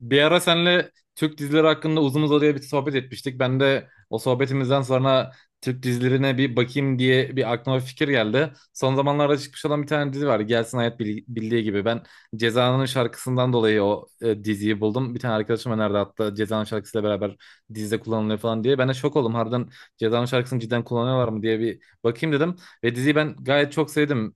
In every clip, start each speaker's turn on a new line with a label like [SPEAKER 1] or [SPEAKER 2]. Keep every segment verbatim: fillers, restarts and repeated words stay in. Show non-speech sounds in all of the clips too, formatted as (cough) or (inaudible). [SPEAKER 1] Bir ara senle Türk dizileri hakkında uzun uzadıya bir sohbet etmiştik. Ben de o sohbetimizden sonra Türk dizilerine bir bakayım diye bir aklıma bir fikir geldi. Son zamanlarda çıkmış olan bir tane dizi var. Gelsin Hayat Bil- Bildiği gibi. Ben Ceza'nın şarkısından dolayı o e, diziyi buldum. Bir tane arkadaşım önerdi hatta Ceza'nın şarkısıyla beraber dizide kullanılıyor falan diye. Ben de şok oldum. Harbiden Ceza'nın şarkısını cidden kullanıyorlar mı diye bir bakayım dedim. Ve diziyi ben gayet çok sevdim.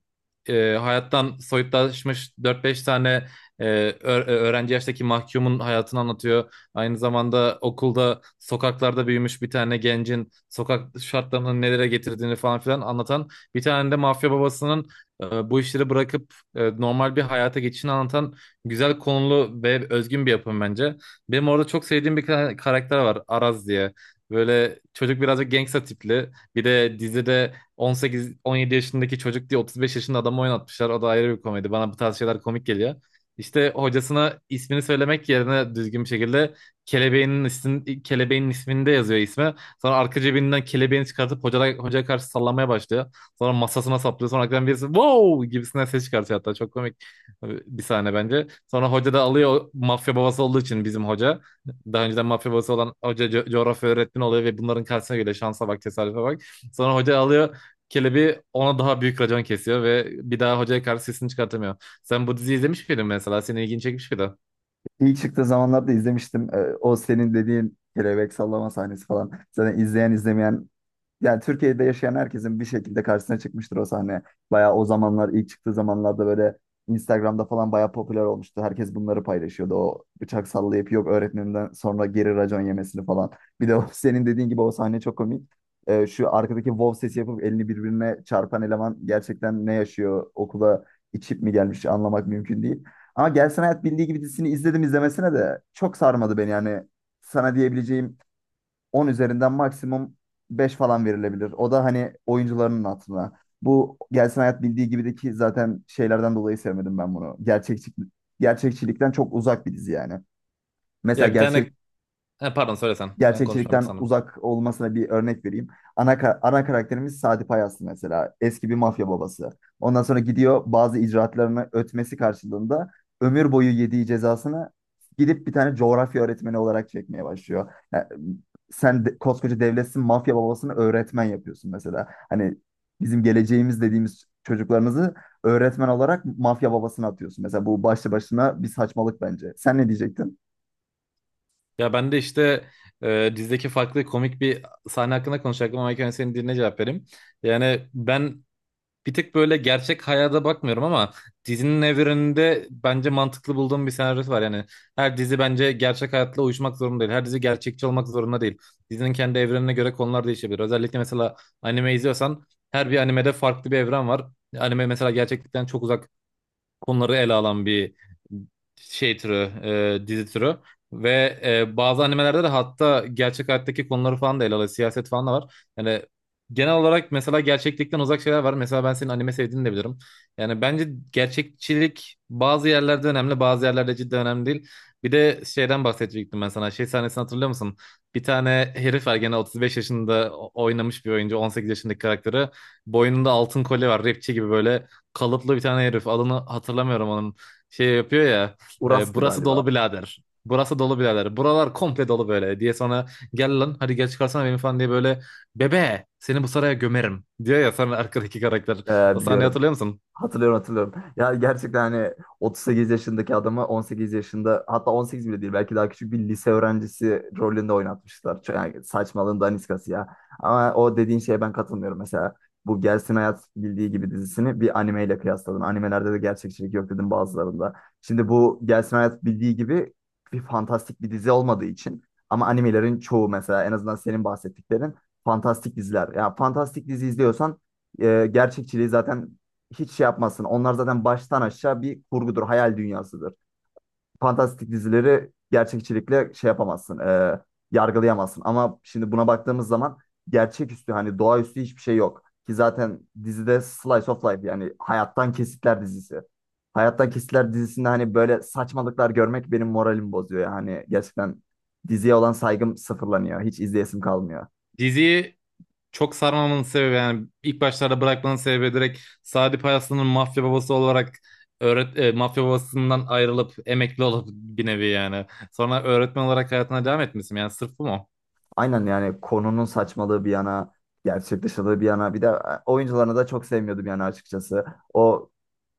[SPEAKER 1] E, hayattan soyutlaşmış dört beş tane e, ö- e, öğrenci yaştaki mahkumun hayatını anlatıyor. Aynı zamanda okulda sokaklarda büyümüş bir tane gencin sokak şartlarının nelere getirdiğini falan filan anlatan, bir tane de mafya babasının e, bu işleri bırakıp e, normal bir hayata geçişini anlatan güzel konulu ve özgün bir yapım bence. Benim orada çok sevdiğim bir ka- karakter var, Araz diye. Böyle çocuk birazcık gangsta tipli. Bir de dizide on sekize on yedi yaşındaki çocuk diye otuz beş yaşında adamı oynatmışlar. O da ayrı bir komedi. Bana bu tarz şeyler komik geliyor. İşte hocasına ismini söylemek yerine düzgün bir şekilde kelebeğinin ismin, kelebeğin isminde yazıyor ismi. Sonra arka cebinden kelebeğini çıkartıp hocaya, hocaya karşı sallamaya başlıyor. Sonra masasına saplıyor. Sonra arkadan birisi wow gibisinden ses çıkartıyor hatta. Çok komik bir sahne bence. Sonra hoca da alıyor, o mafya babası olduğu için bizim hoca. Daha önceden mafya babası olan hoca co- coğrafya öğretmeni oluyor ve bunların karşısına geliyor. Şansa bak, tesadüfe bak. Sonra hoca alıyor kelebeği, ona daha büyük racon kesiyor ve bir daha hocaya karşı sesini çıkartamıyor. Sen bu diziyi izlemiş miydin mesela? Senin ilgini çekmiş miydi?
[SPEAKER 2] İlk çıktığı zamanlarda izlemiştim. Ee, O senin dediğin kelebek sallama sahnesi falan. Zaten izleyen izlemeyen yani Türkiye'de yaşayan herkesin bir şekilde karşısına çıkmıştır o sahne. Bayağı o zamanlar ilk çıktığı zamanlarda böyle Instagram'da falan bayağı popüler olmuştu. Herkes bunları paylaşıyordu. O bıçak sallayıp yok öğretmeninden sonra geri racon yemesini falan. Bir de o, (laughs) senin dediğin gibi o sahne çok komik. Ee, şu arkadaki wow sesi yapıp elini birbirine çarpan eleman gerçekten ne yaşıyor? Okula içip mi gelmiş anlamak mümkün değil. Ama Gelsin Hayat Bildiği Gibi dizisini izledim izlemesine de çok sarmadı beni yani. Sana diyebileceğim on üzerinden maksimum beş falan verilebilir. O da hani oyuncularının hatırına. Bu Gelsin Hayat bildiği gibideki zaten şeylerden dolayı sevmedim ben bunu. Gerçekçi, gerçekçilikten çok uzak bir dizi yani. Mesela
[SPEAKER 1] Ya bir tane... Ha, pardon, söyle sen. Ben konuşmam bitti
[SPEAKER 2] gerçekçilikten
[SPEAKER 1] sandım.
[SPEAKER 2] uzak olmasına bir örnek vereyim. Ana, ka- ana karakterimiz Sadi Payaslı mesela. Eski bir mafya babası. Ondan sonra gidiyor bazı icraatlarını ötmesi karşılığında ömür boyu yediği cezasını gidip bir tane coğrafya öğretmeni olarak çekmeye başlıyor. Yani sen de- koskoca devletsin, mafya babasını öğretmen yapıyorsun mesela. Hani bizim geleceğimiz dediğimiz çocuklarınızı öğretmen olarak mafya babasına atıyorsun. Mesela bu başlı başına bir saçmalık bence. Sen ne diyecektin?
[SPEAKER 1] Ya ben de işte e, dizideki farklı komik bir sahne hakkında konuşacaktım ama ilk önce senin diline cevap vereyim. Yani ben bir tık böyle gerçek hayata bakmıyorum ama dizinin evreninde bence mantıklı bulduğum bir senaryosu var. Yani her dizi bence gerçek hayatla uyuşmak zorunda değil. Her dizi gerçekçi olmak zorunda değil. Dizinin kendi evrenine göre konular değişebilir. Özellikle mesela anime izliyorsan her bir animede farklı bir evren var. Anime mesela gerçeklikten çok uzak konuları ele alan bir şey türü, e, dizi türü. Ve e, bazı animelerde de hatta gerçek hayattaki konuları falan da ele alıyor. Siyaset falan da var. Yani genel olarak mesela gerçeklikten uzak şeyler var. Mesela ben senin anime sevdiğini de bilirim. Yani bence gerçekçilik bazı yerlerde önemli, bazı yerlerde cidden önemli değil. Bir de şeyden bahsedecektim ben sana. Şey sahnesini hatırlıyor musun? Bir tane herif var gene, otuz beş yaşında o- oynamış bir oyuncu, on sekiz yaşındaki karakteri. Boynunda altın kolye var. Rapçi gibi böyle kalıplı bir tane herif. Adını hatırlamıyorum onun. Şey yapıyor ya. E,
[SPEAKER 2] Uras'tı
[SPEAKER 1] burası dolu
[SPEAKER 2] galiba.
[SPEAKER 1] birader. Burası dolu birader. Buralar komple dolu böyle diye, sonra gel lan hadi gel çıkarsana beni falan diye böyle, bebe seni bu saraya gömerim diyor ya sonra arkadaki karakter.
[SPEAKER 2] Ee,
[SPEAKER 1] O sahneyi
[SPEAKER 2] biliyorum.
[SPEAKER 1] hatırlıyor musun?
[SPEAKER 2] Hatırlıyorum, hatırlıyorum. Ya gerçekten hani otuz sekiz yaşındaki adamı on sekiz yaşında, hatta on sekiz bile değil, belki daha küçük bir lise öğrencisi rolünde oynatmışlar. Çok- Yani saçmalığın daniskası ya. Ama o dediğin şeye ben katılmıyorum. Mesela bu Gelsin Hayat Bildiği Gibi dizisini bir animeyle kıyasladım. Animelerde de gerçekçilik yok dedim bazılarında. Şimdi bu Gelsin Hayat Bildiği Gibi bir fantastik bir dizi olmadığı için, ama animelerin çoğu mesela, en azından senin bahsettiklerin fantastik diziler. Ya fantastik dizi izliyorsan e, gerçekçiliği zaten hiç şey yapmasın. Onlar zaten baştan aşağı bir kurgudur, hayal dünyasıdır. Fantastik dizileri gerçekçilikle şey yapamazsın, e, yargılayamazsın. Ama şimdi buna baktığımız zaman gerçeküstü, hani doğaüstü hiçbir şey yok. Ki zaten dizide Slice of Life, yani hayattan kesitler dizisi. Hayattan Kesitler dizisinde hani böyle saçmalıklar görmek benim moralimi bozuyor. Yani gerçekten diziye olan saygım sıfırlanıyor. Hiç izleyesim kalmıyor.
[SPEAKER 1] Diziyi çok sarmamın sebebi, yani ilk başlarda bırakmanın sebebi, direkt Sadi Payaslı'nın mafya babası olarak öğret e, mafya babasından ayrılıp emekli olup bir nevi yani. Sonra öğretmen olarak hayatına devam etmişsin, yani sırf bu mu?
[SPEAKER 2] Aynen, yani konunun saçmalığı bir yana, gerçek dışılığı bir yana. Bir de e, oyuncularını da çok sevmiyordum yani, açıkçası. O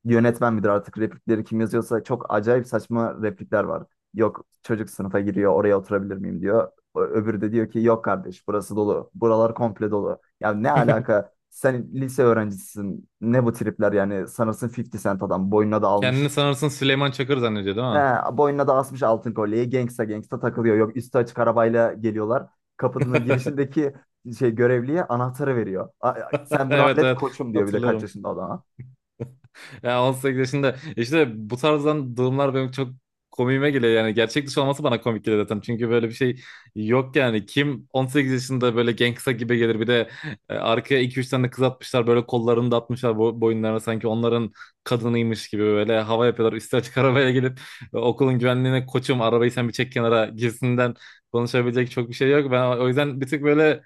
[SPEAKER 2] yönetmen midir artık, replikleri kim yazıyorsa, çok acayip saçma replikler var. Yok çocuk sınıfa giriyor, oraya oturabilir miyim diyor. Ö- Öbürü de diyor ki yok kardeş, burası dolu. Buralar komple dolu. Ya ne
[SPEAKER 1] (laughs)
[SPEAKER 2] alaka? Sen lise öğrencisisin. Ne bu tripler yani? Sanırsın elli Cent, adam boynuna da
[SPEAKER 1] Kendini
[SPEAKER 2] almış.
[SPEAKER 1] sanırsın Süleyman Çakır zannediyor, değil
[SPEAKER 2] He,
[SPEAKER 1] mi?
[SPEAKER 2] boynuna da asmış altın kolyeyi. Gangsta gangsta takılıyor. Yok üstü açık arabayla geliyorlar. Kapının
[SPEAKER 1] (laughs)
[SPEAKER 2] girişindeki şey görevliye anahtarı veriyor. "A- a- Sen bunu
[SPEAKER 1] Evet
[SPEAKER 2] hallet
[SPEAKER 1] evet,
[SPEAKER 2] koçum diyor, bir de kaç
[SPEAKER 1] hatırlarım.
[SPEAKER 2] yaşında adam.
[SPEAKER 1] Ya on sekiz yaşında işte bu tarzdan durumlar benim çok komiğime geliyor, yani gerçek dışı olması bana komik geliyor zaten, çünkü böyle bir şey yok. Yani kim on sekiz yaşında böyle gangsta gibi gelir, bir de e, arkaya iki üç tane kız atmışlar, böyle kollarını da atmışlar bo- boyunlarına, sanki onların kadınıymış gibi böyle hava yapıyorlar, üstü açık arabaya gelip e, okulun güvenliğine koçum arabayı sen bir çek kenara gibisinden. Konuşabilecek çok bir şey yok, ben o yüzden bir tık böyle.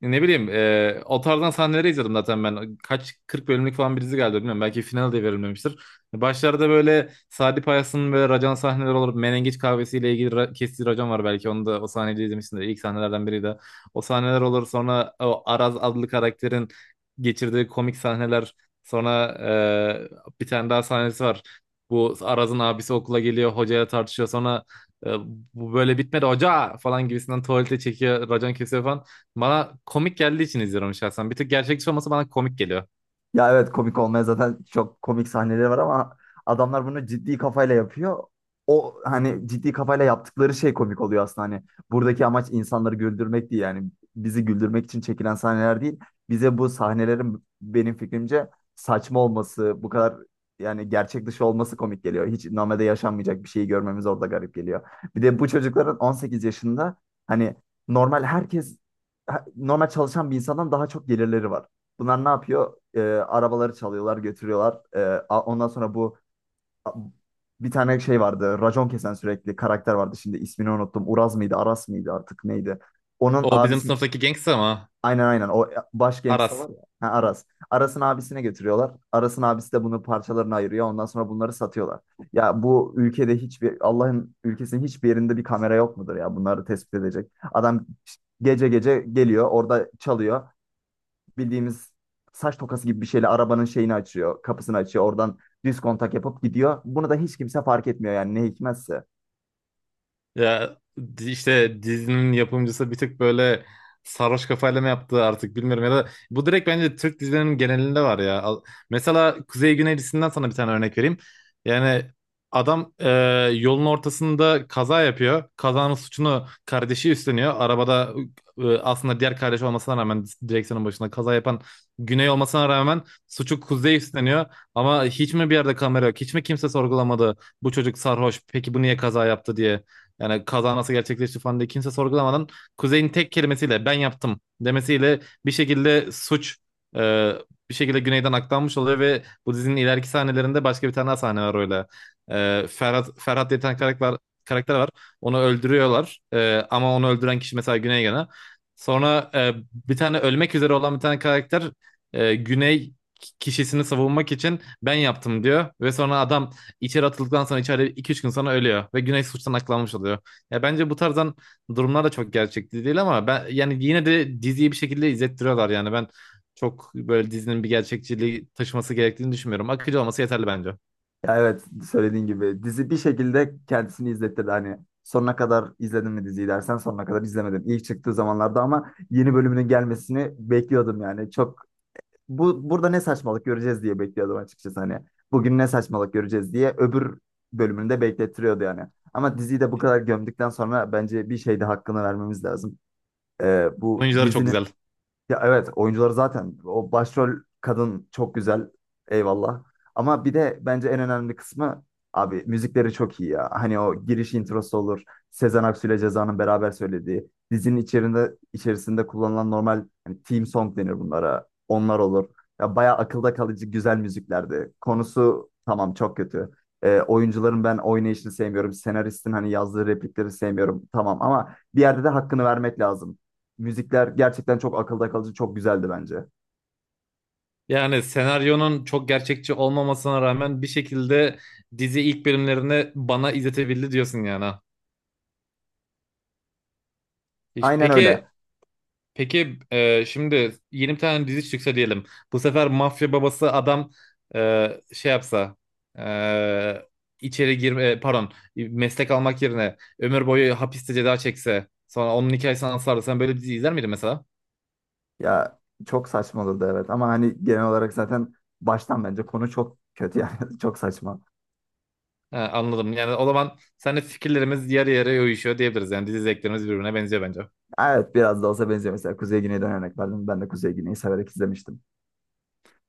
[SPEAKER 1] Ne bileyim, e, o tarzdan sahneleri izledim zaten ben. Kaç kırk bölümlük falan bir dizi geldi bilmiyorum. Belki final de verilmemiştir. Başlarda böyle Sadi Payas'ın böyle racan sahneleri olur. Menengiç kahvesiyle ilgili ra- kestiği racon var belki. Onu da, o sahneyi izlemişsindir. İlk sahnelerden biri de. O sahneler olur. Sonra o Araz adlı karakterin geçirdiği komik sahneler. Sonra e, bir tane daha sahnesi var. Bu Araz'ın abisi okula geliyor. Hocayla tartışıyor. Sonra e, bu böyle bitmedi hoca falan gibisinden tuvalete çekiyor. Racan kesiyor falan. Bana komik geldiği için izliyorum şahsen. Bir tık gerçekçi olması bana komik geliyor.
[SPEAKER 2] Ya evet, komik olmaya zaten çok komik sahneleri var, ama adamlar bunu ciddi kafayla yapıyor. O hani ciddi kafayla yaptıkları şey komik oluyor aslında, hani buradaki amaç insanları güldürmek değil yani, bizi güldürmek için çekilen sahneler değil. Bize bu sahnelerin, benim fikrimce, saçma olması, bu kadar yani gerçek dışı olması komik geliyor. Hiç normalde yaşanmayacak bir şeyi görmemiz orada garip geliyor. Bir de bu çocukların on sekiz yaşında, hani normal herkes, normal çalışan bir insandan daha çok gelirleri var. Bunlar ne yapıyor? E, arabaları çalıyorlar, götürüyorlar. E, a- ondan sonra bu a- bir tane şey vardı. Racon kesen sürekli karakter vardı. Şimdi ismini unuttum. Uraz mıydı, Aras mıydı artık neydi? Onun
[SPEAKER 1] O bizim
[SPEAKER 2] abisi...
[SPEAKER 1] sınıftaki gangster ama
[SPEAKER 2] Aynen, aynen, o e, baş gangsta var
[SPEAKER 1] Aras.
[SPEAKER 2] ya. Ha, Aras. Aras'ın abisine götürüyorlar. Aras'ın abisi de bunu parçalarına ayırıyor. Ondan sonra bunları satıyorlar. Ya bu ülkede hiçbir, Allah'ın ülkesinin hiçbir yerinde bir kamera yok mudur ya, bunları tespit edecek. Adam gece gece geliyor, orada çalıyor, bildiğimiz saç tokası gibi bir şeyle arabanın şeyini açıyor. Kapısını açıyor. Oradan düz kontak yapıp gidiyor. Bunu da hiç kimse fark etmiyor yani, ne hikmetse.
[SPEAKER 1] Ya di- işte dizinin yapımcısı bir tık böyle sarhoş kafayla mı yaptı artık bilmiyorum, ya da bu direkt bence Türk dizilerinin genelinde var ya. Al- Mesela Kuzey Güney dizisinden sana bir tane örnek vereyim. Yani adam e, yolun ortasında kaza yapıyor. Kazanın suçunu kardeşi üstleniyor. Arabada e, aslında diğer kardeş olmasına rağmen, direksiyonun başında kaza yapan Güney olmasına rağmen suçu Kuzey üstleniyor. Ama hiç mi bir yerde kamera yok? Hiç mi kimse sorgulamadı bu çocuk sarhoş, peki bu niye kaza yaptı diye? Yani kaza nasıl gerçekleşti falan diye kimse sorgulamadan, Kuzey'in tek kelimesiyle ben yaptım demesiyle, bir şekilde suç e, bir şekilde Güney'den aktarmış oluyor. Ve bu dizinin ileriki sahnelerinde başka bir tane daha sahne var öyle. E, Ferhat, Ferhat diye bir tane karakter, karakter var. Onu öldürüyorlar. E, ama onu öldüren kişi mesela Güney gene. Sonra e, bir tane ölmek üzere olan bir tane karakter, e, Güney kişisini savunmak için ben yaptım diyor ve sonra adam içeri atıldıktan sonra içeride iki üç gün sonra ölüyor ve Güney suçtan aklanmış oluyor. Ya bence bu tarzdan durumlar da çok gerçekçi değil, ama ben yani yine de diziyi bir şekilde izlettiriyorlar. Yani ben çok böyle dizinin bir gerçekçiliği taşıması gerektiğini düşünmüyorum. Akıcı olması yeterli bence.
[SPEAKER 2] Ya evet, söylediğin gibi dizi bir şekilde kendisini izlettirdi. Hani sonuna kadar izledin mi diziyi dersen, sonuna kadar izlemedim. İlk çıktığı zamanlarda ama yeni bölümünün gelmesini bekliyordum yani. Çok, bu burada ne saçmalık göreceğiz diye bekliyordum açıkçası hani. Bugün ne saçmalık göreceğiz diye öbür bölümünü de beklettiriyordu yani. Ama diziyi de bu kadar gömdükten sonra bence bir şey de hakkını vermemiz lazım. Ee, bu
[SPEAKER 1] Oyuncuları çok
[SPEAKER 2] dizinin...
[SPEAKER 1] güzel.
[SPEAKER 2] Ya evet, oyuncuları zaten, o başrol kadın çok güzel, eyvallah. Ama bir de bence en önemli kısmı, abi müzikleri çok iyi ya. Hani o giriş introsu olur. Sezen Aksu ile Ceza'nın beraber söylediği. Dizinin içerisinde içerisinde kullanılan normal, hani theme song denir bunlara. Onlar olur. Ya bayağı akılda kalıcı güzel müziklerdi. Konusu tamam, çok kötü. Ee, oyuncuların ben oynayışını sevmiyorum. Senaristin hani yazdığı replikleri sevmiyorum. Tamam, ama bir yerde de hakkını vermek lazım. Müzikler gerçekten çok akılda kalıcı, çok güzeldi bence.
[SPEAKER 1] Yani senaryonun çok gerçekçi olmamasına rağmen bir şekilde dizi ilk bölümlerini bana izletebildi diyorsun yani. Ha. Hiç-
[SPEAKER 2] Aynen
[SPEAKER 1] Peki
[SPEAKER 2] öyle.
[SPEAKER 1] Peki e, şimdi yeni bir tane dizi çıksa diyelim. Bu sefer mafya babası adam e, şey yapsa, e, içeri girme e, pardon meslek almak yerine ömür boyu hapiste ceza çekse, sonra onun hikayesini anlatsa, sen böyle bir dizi izler miydin mesela?
[SPEAKER 2] Ya çok saçmaladı evet, ama hani genel olarak zaten baştan bence konu çok kötü yani, (laughs) çok saçma.
[SPEAKER 1] He, anladım. Yani o zaman seninle fikirlerimiz yarı yarıya uyuşuyor diyebiliriz. Yani dizi zevklerimiz birbirine benziyor bence.
[SPEAKER 2] Evet, biraz da olsa benziyor. Mesela Kuzey Güney'den örnek verdim. Ben de Kuzey Güney'i severek izlemiştim.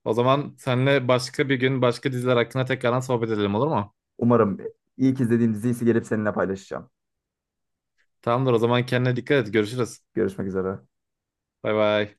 [SPEAKER 1] O zaman seninle başka bir gün başka diziler hakkında tekrardan sohbet edelim, olur mu?
[SPEAKER 2] Umarım ilk izlediğim dizi ise gelip seninle paylaşacağım.
[SPEAKER 1] Tamamdır, o zaman kendine dikkat et. Görüşürüz.
[SPEAKER 2] Görüşmek üzere.
[SPEAKER 1] Bay bay.